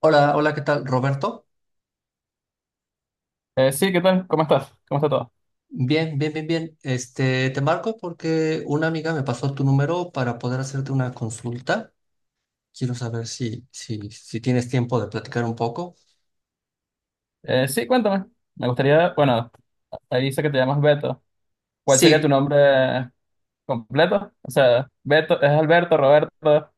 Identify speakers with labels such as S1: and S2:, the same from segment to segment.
S1: Hola, hola, ¿qué tal, Roberto?
S2: Sí, ¿qué tal? ¿Cómo estás? ¿Cómo está todo?
S1: Bien, bien, bien, bien. Te marco porque una amiga me pasó tu número para poder hacerte una consulta. Quiero saber si tienes tiempo de platicar un poco.
S2: Sí, cuéntame. Me gustaría, bueno, ahí dice que te llamas Beto. ¿Cuál sería tu
S1: Sí.
S2: nombre completo? O sea, Beto, ¿es Alberto, Roberto?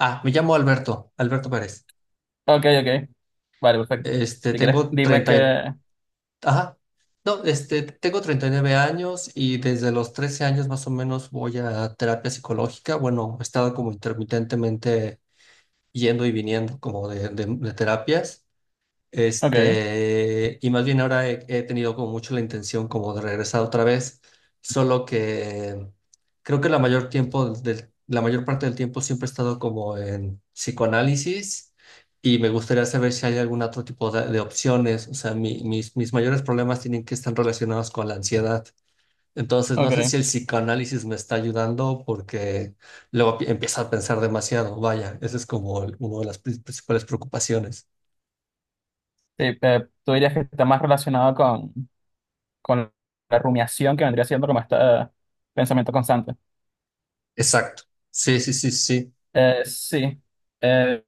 S1: Ah, me llamo Alberto, Alberto Pérez.
S2: Ok, ok. Vale, perfecto.
S1: Este,
S2: Si quieres,
S1: tengo
S2: dime
S1: 30 y-
S2: que...
S1: ajá. No, tengo 39 años y desde los 13 años más o menos voy a terapia psicológica. Bueno, he estado como intermitentemente yendo y viniendo como de terapias.
S2: Ok,
S1: Y más bien ahora he tenido como mucho la intención como de regresar otra vez, solo que creo que la mayor parte del tiempo siempre he estado como en psicoanálisis y me gustaría saber si hay algún otro tipo de opciones. O sea, mis mayores problemas tienen que estar relacionados con la ansiedad. Entonces, no sé
S2: ok.
S1: si el psicoanálisis me está ayudando porque empiezo a pensar demasiado. Vaya, esa es como una de las principales preocupaciones.
S2: Sí, tú dirías que está más relacionado con la rumiación que vendría siendo como este pensamiento constante.
S1: Exacto. Sí, sí, sí, sí.
S2: Sí. Eh,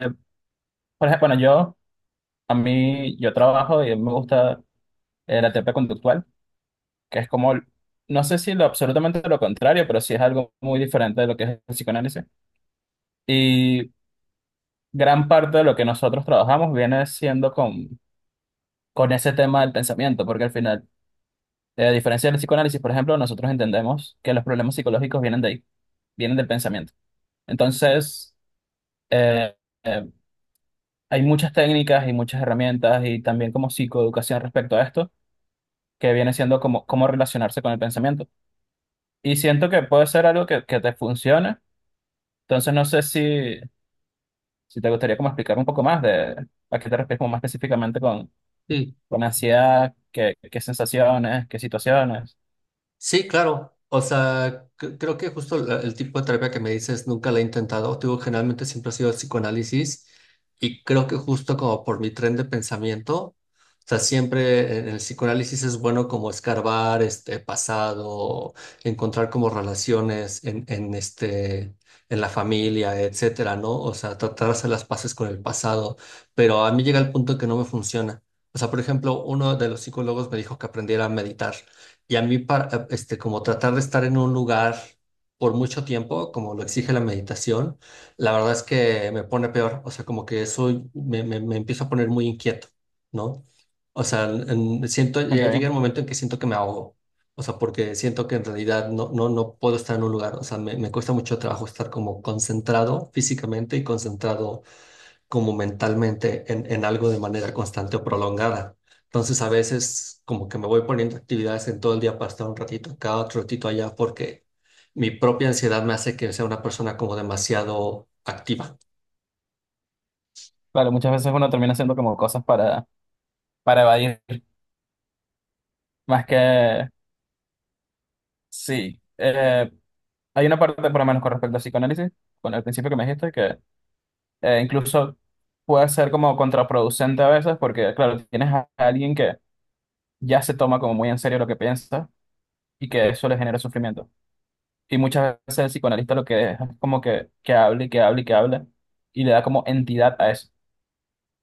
S2: por ejemplo, bueno, yo, a mí, yo trabajo y me gusta la terapia conductual. Que es como, no sé si lo absolutamente lo contrario, pero sí es algo muy diferente de lo que es el psicoanálisis. Y gran parte de lo que nosotros trabajamos viene siendo con ese tema del pensamiento, porque al final, a diferencia del psicoanálisis, por ejemplo, nosotros entendemos que los problemas psicológicos vienen de ahí, vienen del pensamiento. Entonces, eh, eh, hay muchas técnicas y muchas herramientas y también como psicoeducación respecto a esto, que viene siendo como cómo relacionarse con el pensamiento. Y siento que puede ser algo que te funcione. Entonces no sé si si te gustaría como explicar un poco más de a qué te refieres como más específicamente
S1: Sí.
S2: con ansiedad, qué, qué sensaciones, qué situaciones.
S1: Sí, claro. O sea, creo que justo el tipo de terapia que me dices nunca la he intentado. Te digo, generalmente siempre ha sido el psicoanálisis y creo que justo como por mi tren de pensamiento, o sea, siempre en el psicoanálisis es bueno como escarbar este pasado, encontrar como relaciones en en la familia, etcétera, ¿no? O sea, tratar de hacer las paces con el pasado, pero a mí llega el punto que no me funciona. O sea, por ejemplo, uno de los psicólogos me dijo que aprendiera a meditar. Y a mí, para, como tratar de estar en un lugar por mucho tiempo, como lo exige la meditación, la verdad es que me pone peor. O sea, como que me empiezo a poner muy inquieto, ¿no? O sea, siento, ya llega
S2: Ok,
S1: el momento en que siento que me ahogo. O sea, porque siento que en realidad no puedo estar en un lugar. O sea, me cuesta mucho trabajo estar como concentrado físicamente y concentrado como mentalmente en algo de manera constante o prolongada. Entonces a veces como que me voy poniendo actividades en todo el día para estar un ratito acá, otro ratito allá, porque mi propia ansiedad me hace que sea una persona como demasiado activa.
S2: claro, muchas veces uno termina haciendo como cosas para evadir, más que sí. Hay una parte, por lo menos con respecto al psicoanálisis, con el principio que me dijiste, que incluso puede ser como contraproducente a veces, porque claro, tienes a alguien que ya se toma como muy en serio lo que piensa y que eso le genera sufrimiento. Y muchas veces el psicoanalista lo que deja es como que hable y que hable y que hable y le da como entidad a eso.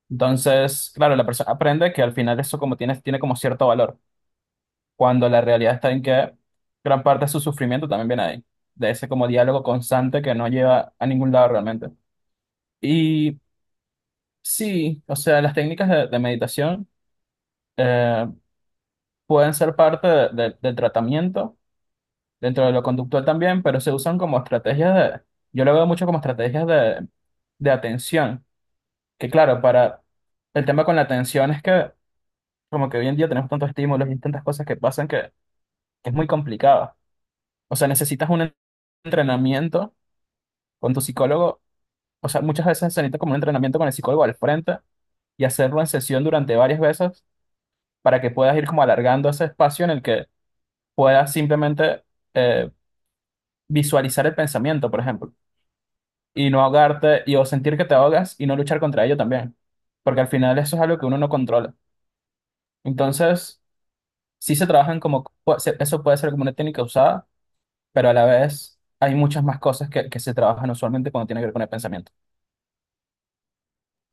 S2: Entonces, claro, la persona aprende que al final eso como tiene, tiene como cierto valor, cuando la realidad está en que gran parte de su sufrimiento también viene ahí, de ese como diálogo constante que no lleva a ningún lado realmente. Y sí, o sea, las técnicas de meditación eh, pueden ser parte del tratamiento dentro de lo conductual también, pero se usan como estrategias de, yo lo veo mucho como estrategias de atención, que claro, para el tema con la atención es que como que hoy en día tenemos tantos estímulos y tantas cosas que pasan que es muy complicado. O sea, necesitas un entrenamiento con tu psicólogo, o sea, muchas veces se necesita como un entrenamiento con el psicólogo al frente y hacerlo en sesión durante varias veces para que puedas ir como alargando ese espacio en el que puedas simplemente eh, visualizar el pensamiento, por ejemplo. Y no ahogarte y o sentir que te ahogas y no luchar contra ello también, porque al final eso es algo que uno no controla. Entonces, sí se trabajan como, eso puede ser como una técnica usada, pero a la vez hay muchas más cosas que se trabajan usualmente cuando tiene que ver con el pensamiento.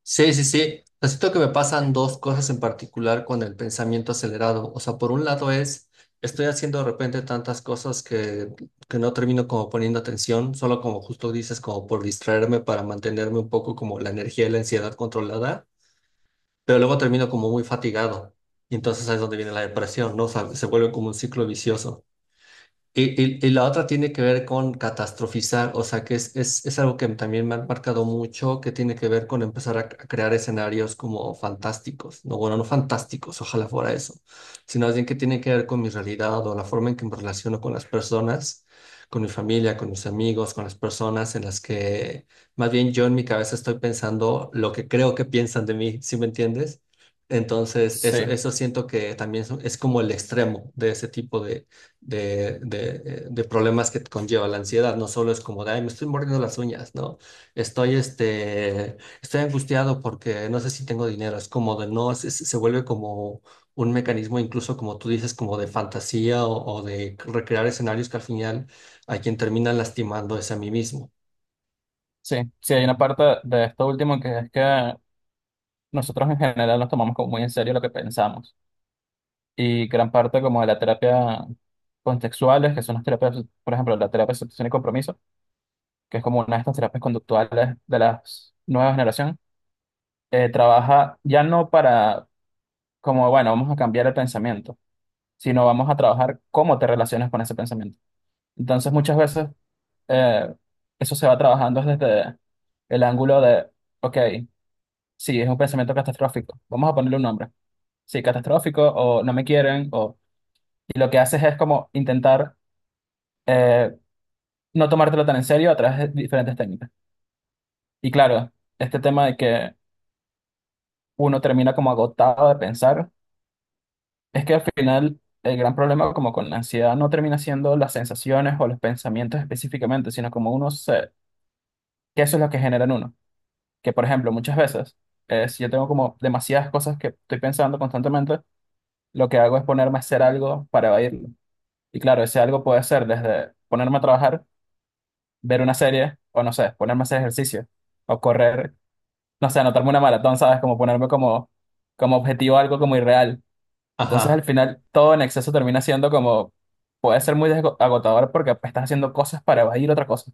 S1: Sí, sí, sí. O sea, siento que me pasan dos cosas en particular con el pensamiento acelerado. O sea, por un lado es, estoy haciendo de repente tantas cosas que no termino como poniendo atención, solo como justo dices, como por distraerme para mantenerme un poco como la energía y la ansiedad controlada, pero luego termino como muy fatigado. Y entonces ahí es donde viene la depresión, ¿no? O sea, se vuelve como un ciclo vicioso. Y la otra tiene que ver con catastrofizar, o sea, que es algo que también me ha marcado mucho, que tiene que ver con empezar a crear escenarios como fantásticos, no, bueno, no fantásticos, ojalá fuera eso, sino más bien que tiene que ver con mi realidad o la forma en que me relaciono con las personas, con mi familia, con mis amigos, con las personas en las que más bien yo en mi cabeza estoy pensando lo que creo que piensan de mí, ¿sí me entiendes? Entonces,
S2: Sí,
S1: eso siento que también es como el extremo de ese tipo de problemas que conlleva la ansiedad. No solo es como de, ay, me estoy mordiendo las uñas, ¿no? Estoy, este, Estoy angustiado porque no sé si tengo dinero. Es como de, no, se vuelve como un mecanismo, incluso como tú dices, como de fantasía o de recrear escenarios que al final a quien termina lastimando es a mí mismo.
S2: sí, sí, hay una parte de esto último que es que nosotros en general nos tomamos como muy en serio lo que pensamos y gran parte como de la terapia contextuales, que son las terapias, por ejemplo, la terapia de aceptación y compromiso que es como una de estas terapias conductuales de la nueva generación, trabaja ya no para como, bueno, vamos a cambiar el pensamiento, sino vamos a trabajar cómo te relacionas con ese pensamiento. Entonces muchas veces eh, eso se va trabajando desde el ángulo de, ok, sí, es un pensamiento catastrófico, vamos a ponerle un nombre. Sí, catastrófico o no me quieren, o... y lo que haces es como intentar eh, no tomártelo tan en serio a través de diferentes técnicas. Y claro, este tema de que uno termina como agotado de pensar, es que al final el gran problema como con la ansiedad no termina siendo las sensaciones o los pensamientos específicamente, sino como uno se, que eso es lo que genera en uno. Que por ejemplo, muchas veces, si yo tengo como demasiadas cosas que estoy pensando constantemente, lo que hago es ponerme a hacer algo para evadirlo. Y claro, ese algo puede ser desde ponerme a trabajar, ver una serie, o no sé, ponerme a hacer ejercicio, o correr, no sé, anotarme una maratón, ¿sabes? Como ponerme como, como objetivo algo como irreal. Entonces al
S1: Ajá,
S2: final todo en exceso termina siendo como, puede ser muy agotador porque pues, estás haciendo cosas para evadir otra cosa.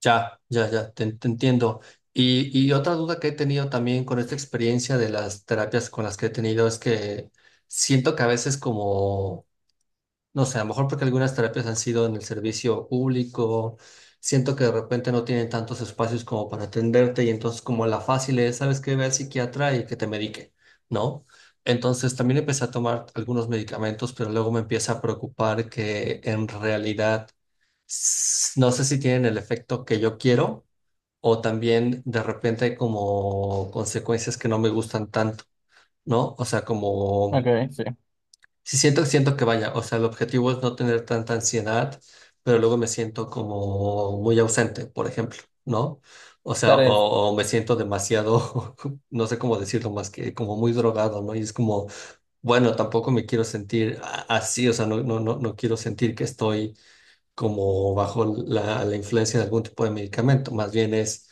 S1: te entiendo. Y otra duda que he tenido también con esta experiencia de las terapias con las que he tenido es que siento que a veces como no sé, a lo mejor porque algunas terapias han sido en el servicio público, siento que de repente no tienen tantos espacios como para atenderte y entonces como la fácil es, sabes que ve al psiquiatra y que te medique, ¿no? Entonces también empecé a tomar algunos medicamentos, pero luego me empieza a preocupar que en realidad no sé si tienen el efecto que yo quiero o también de repente hay como consecuencias que no me gustan tanto, ¿no? O sea,
S2: Ok,
S1: como...
S2: sí.
S1: Sí, siento que vaya, o sea, el objetivo es no tener tanta ansiedad, pero luego me siento como muy ausente, por ejemplo, ¿no? O sea,
S2: Claro,
S1: o me siento demasiado, no sé cómo decirlo más que como muy drogado, ¿no? Y es como, bueno, tampoco me quiero sentir así, o sea, no quiero sentir que estoy como bajo la influencia de algún tipo de medicamento, más bien es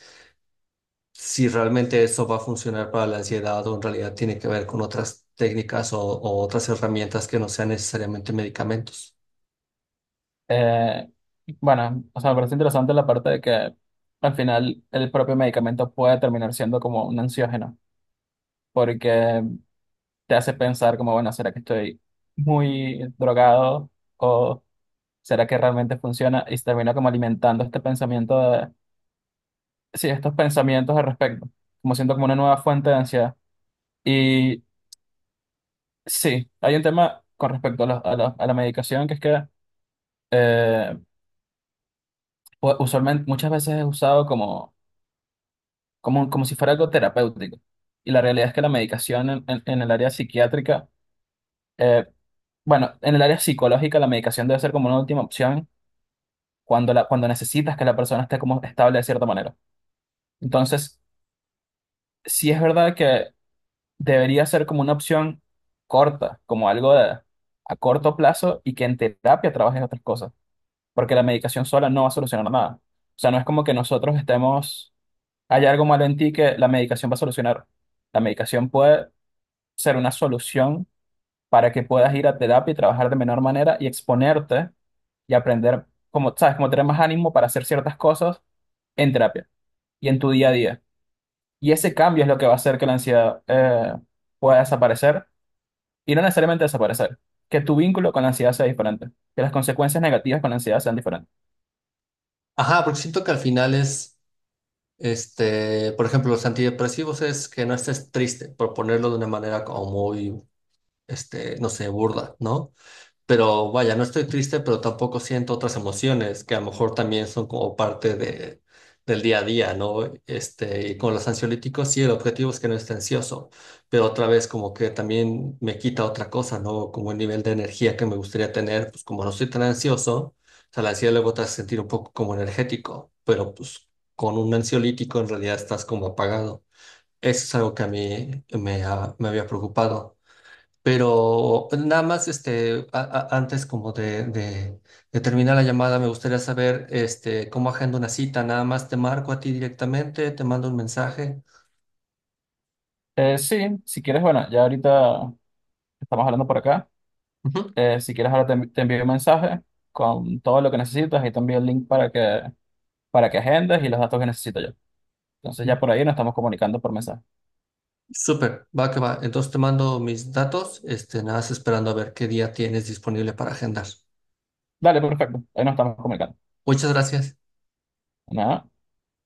S1: si realmente eso va a funcionar para la ansiedad o en realidad tiene que ver con otras técnicas o otras herramientas que no sean necesariamente medicamentos.
S2: eh, bueno, o sea, me parece interesante la parte de que al final el propio medicamento puede terminar siendo como un ansiógeno, porque te hace pensar como, bueno, ¿será que estoy muy drogado o será que realmente funciona? Y se termina como alimentando este pensamiento de, sí, estos pensamientos al respecto, como siento como una nueva fuente de ansiedad. Sí, hay un tema con respecto a, a la medicación que es que eh, usualmente muchas veces es usado como, como, como si fuera algo terapéutico. Y la realidad es que la medicación en, en el área psiquiátrica, eh, bueno, en el área psicológica la medicación debe ser como una última opción cuando, la, cuando necesitas que la persona esté como estable de cierta manera. Entonces, sí es verdad que debería ser como una opción corta, como algo de- a corto plazo y que en terapia trabajes otras cosas porque la medicación sola no va a solucionar nada. O sea, no es como que nosotros estemos, hay algo malo en ti que la medicación va a solucionar. La medicación puede ser una solución para que puedas ir a terapia y trabajar de menor manera y exponerte y aprender, como, sabes, como tener más ánimo para hacer ciertas cosas en terapia y en tu día a día. Y ese cambio es lo que va a hacer que la ansiedad pueda desaparecer y no necesariamente desaparecer, que tu vínculo con la ansiedad sea diferente, que las consecuencias negativas con la ansiedad sean diferentes.
S1: Ajá, porque siento que al final es, por ejemplo, los antidepresivos es que no estés triste, por ponerlo de una manera como muy, no sé, burda, ¿no? Pero vaya, no estoy triste, pero tampoco siento otras emociones que a lo mejor también son como parte de, del día a día, ¿no? Y con los ansiolíticos, sí, el objetivo es que no esté ansioso, pero otra vez como que también me quita otra cosa, ¿no? Como el nivel de energía que me gustaría tener, pues como no estoy tan ansioso, o sea, la ansiedad luego te hace sentir un poco como energético, pero pues con un ansiolítico en realidad estás como apagado. Eso es algo que a mí me, ha- me había preocupado. Pero nada más, antes como de terminar la llamada, me gustaría saber, cómo agendo una cita. Nada más te marco a ti directamente, te mando un mensaje.
S2: Sí, si quieres, bueno, ya ahorita estamos hablando por acá.
S1: Ujú.
S2: Si quieres, ahora te, te envío un mensaje con todo lo que necesitas y también el link para que agendes y los datos que necesito yo. Entonces ya por ahí nos estamos comunicando por mensaje.
S1: Súper, va que va. Entonces te mando mis datos, nada más esperando a ver qué día tienes disponible para agendar.
S2: Dale, perfecto. Ahí nos estamos comunicando.
S1: Muchas gracias.
S2: Nada.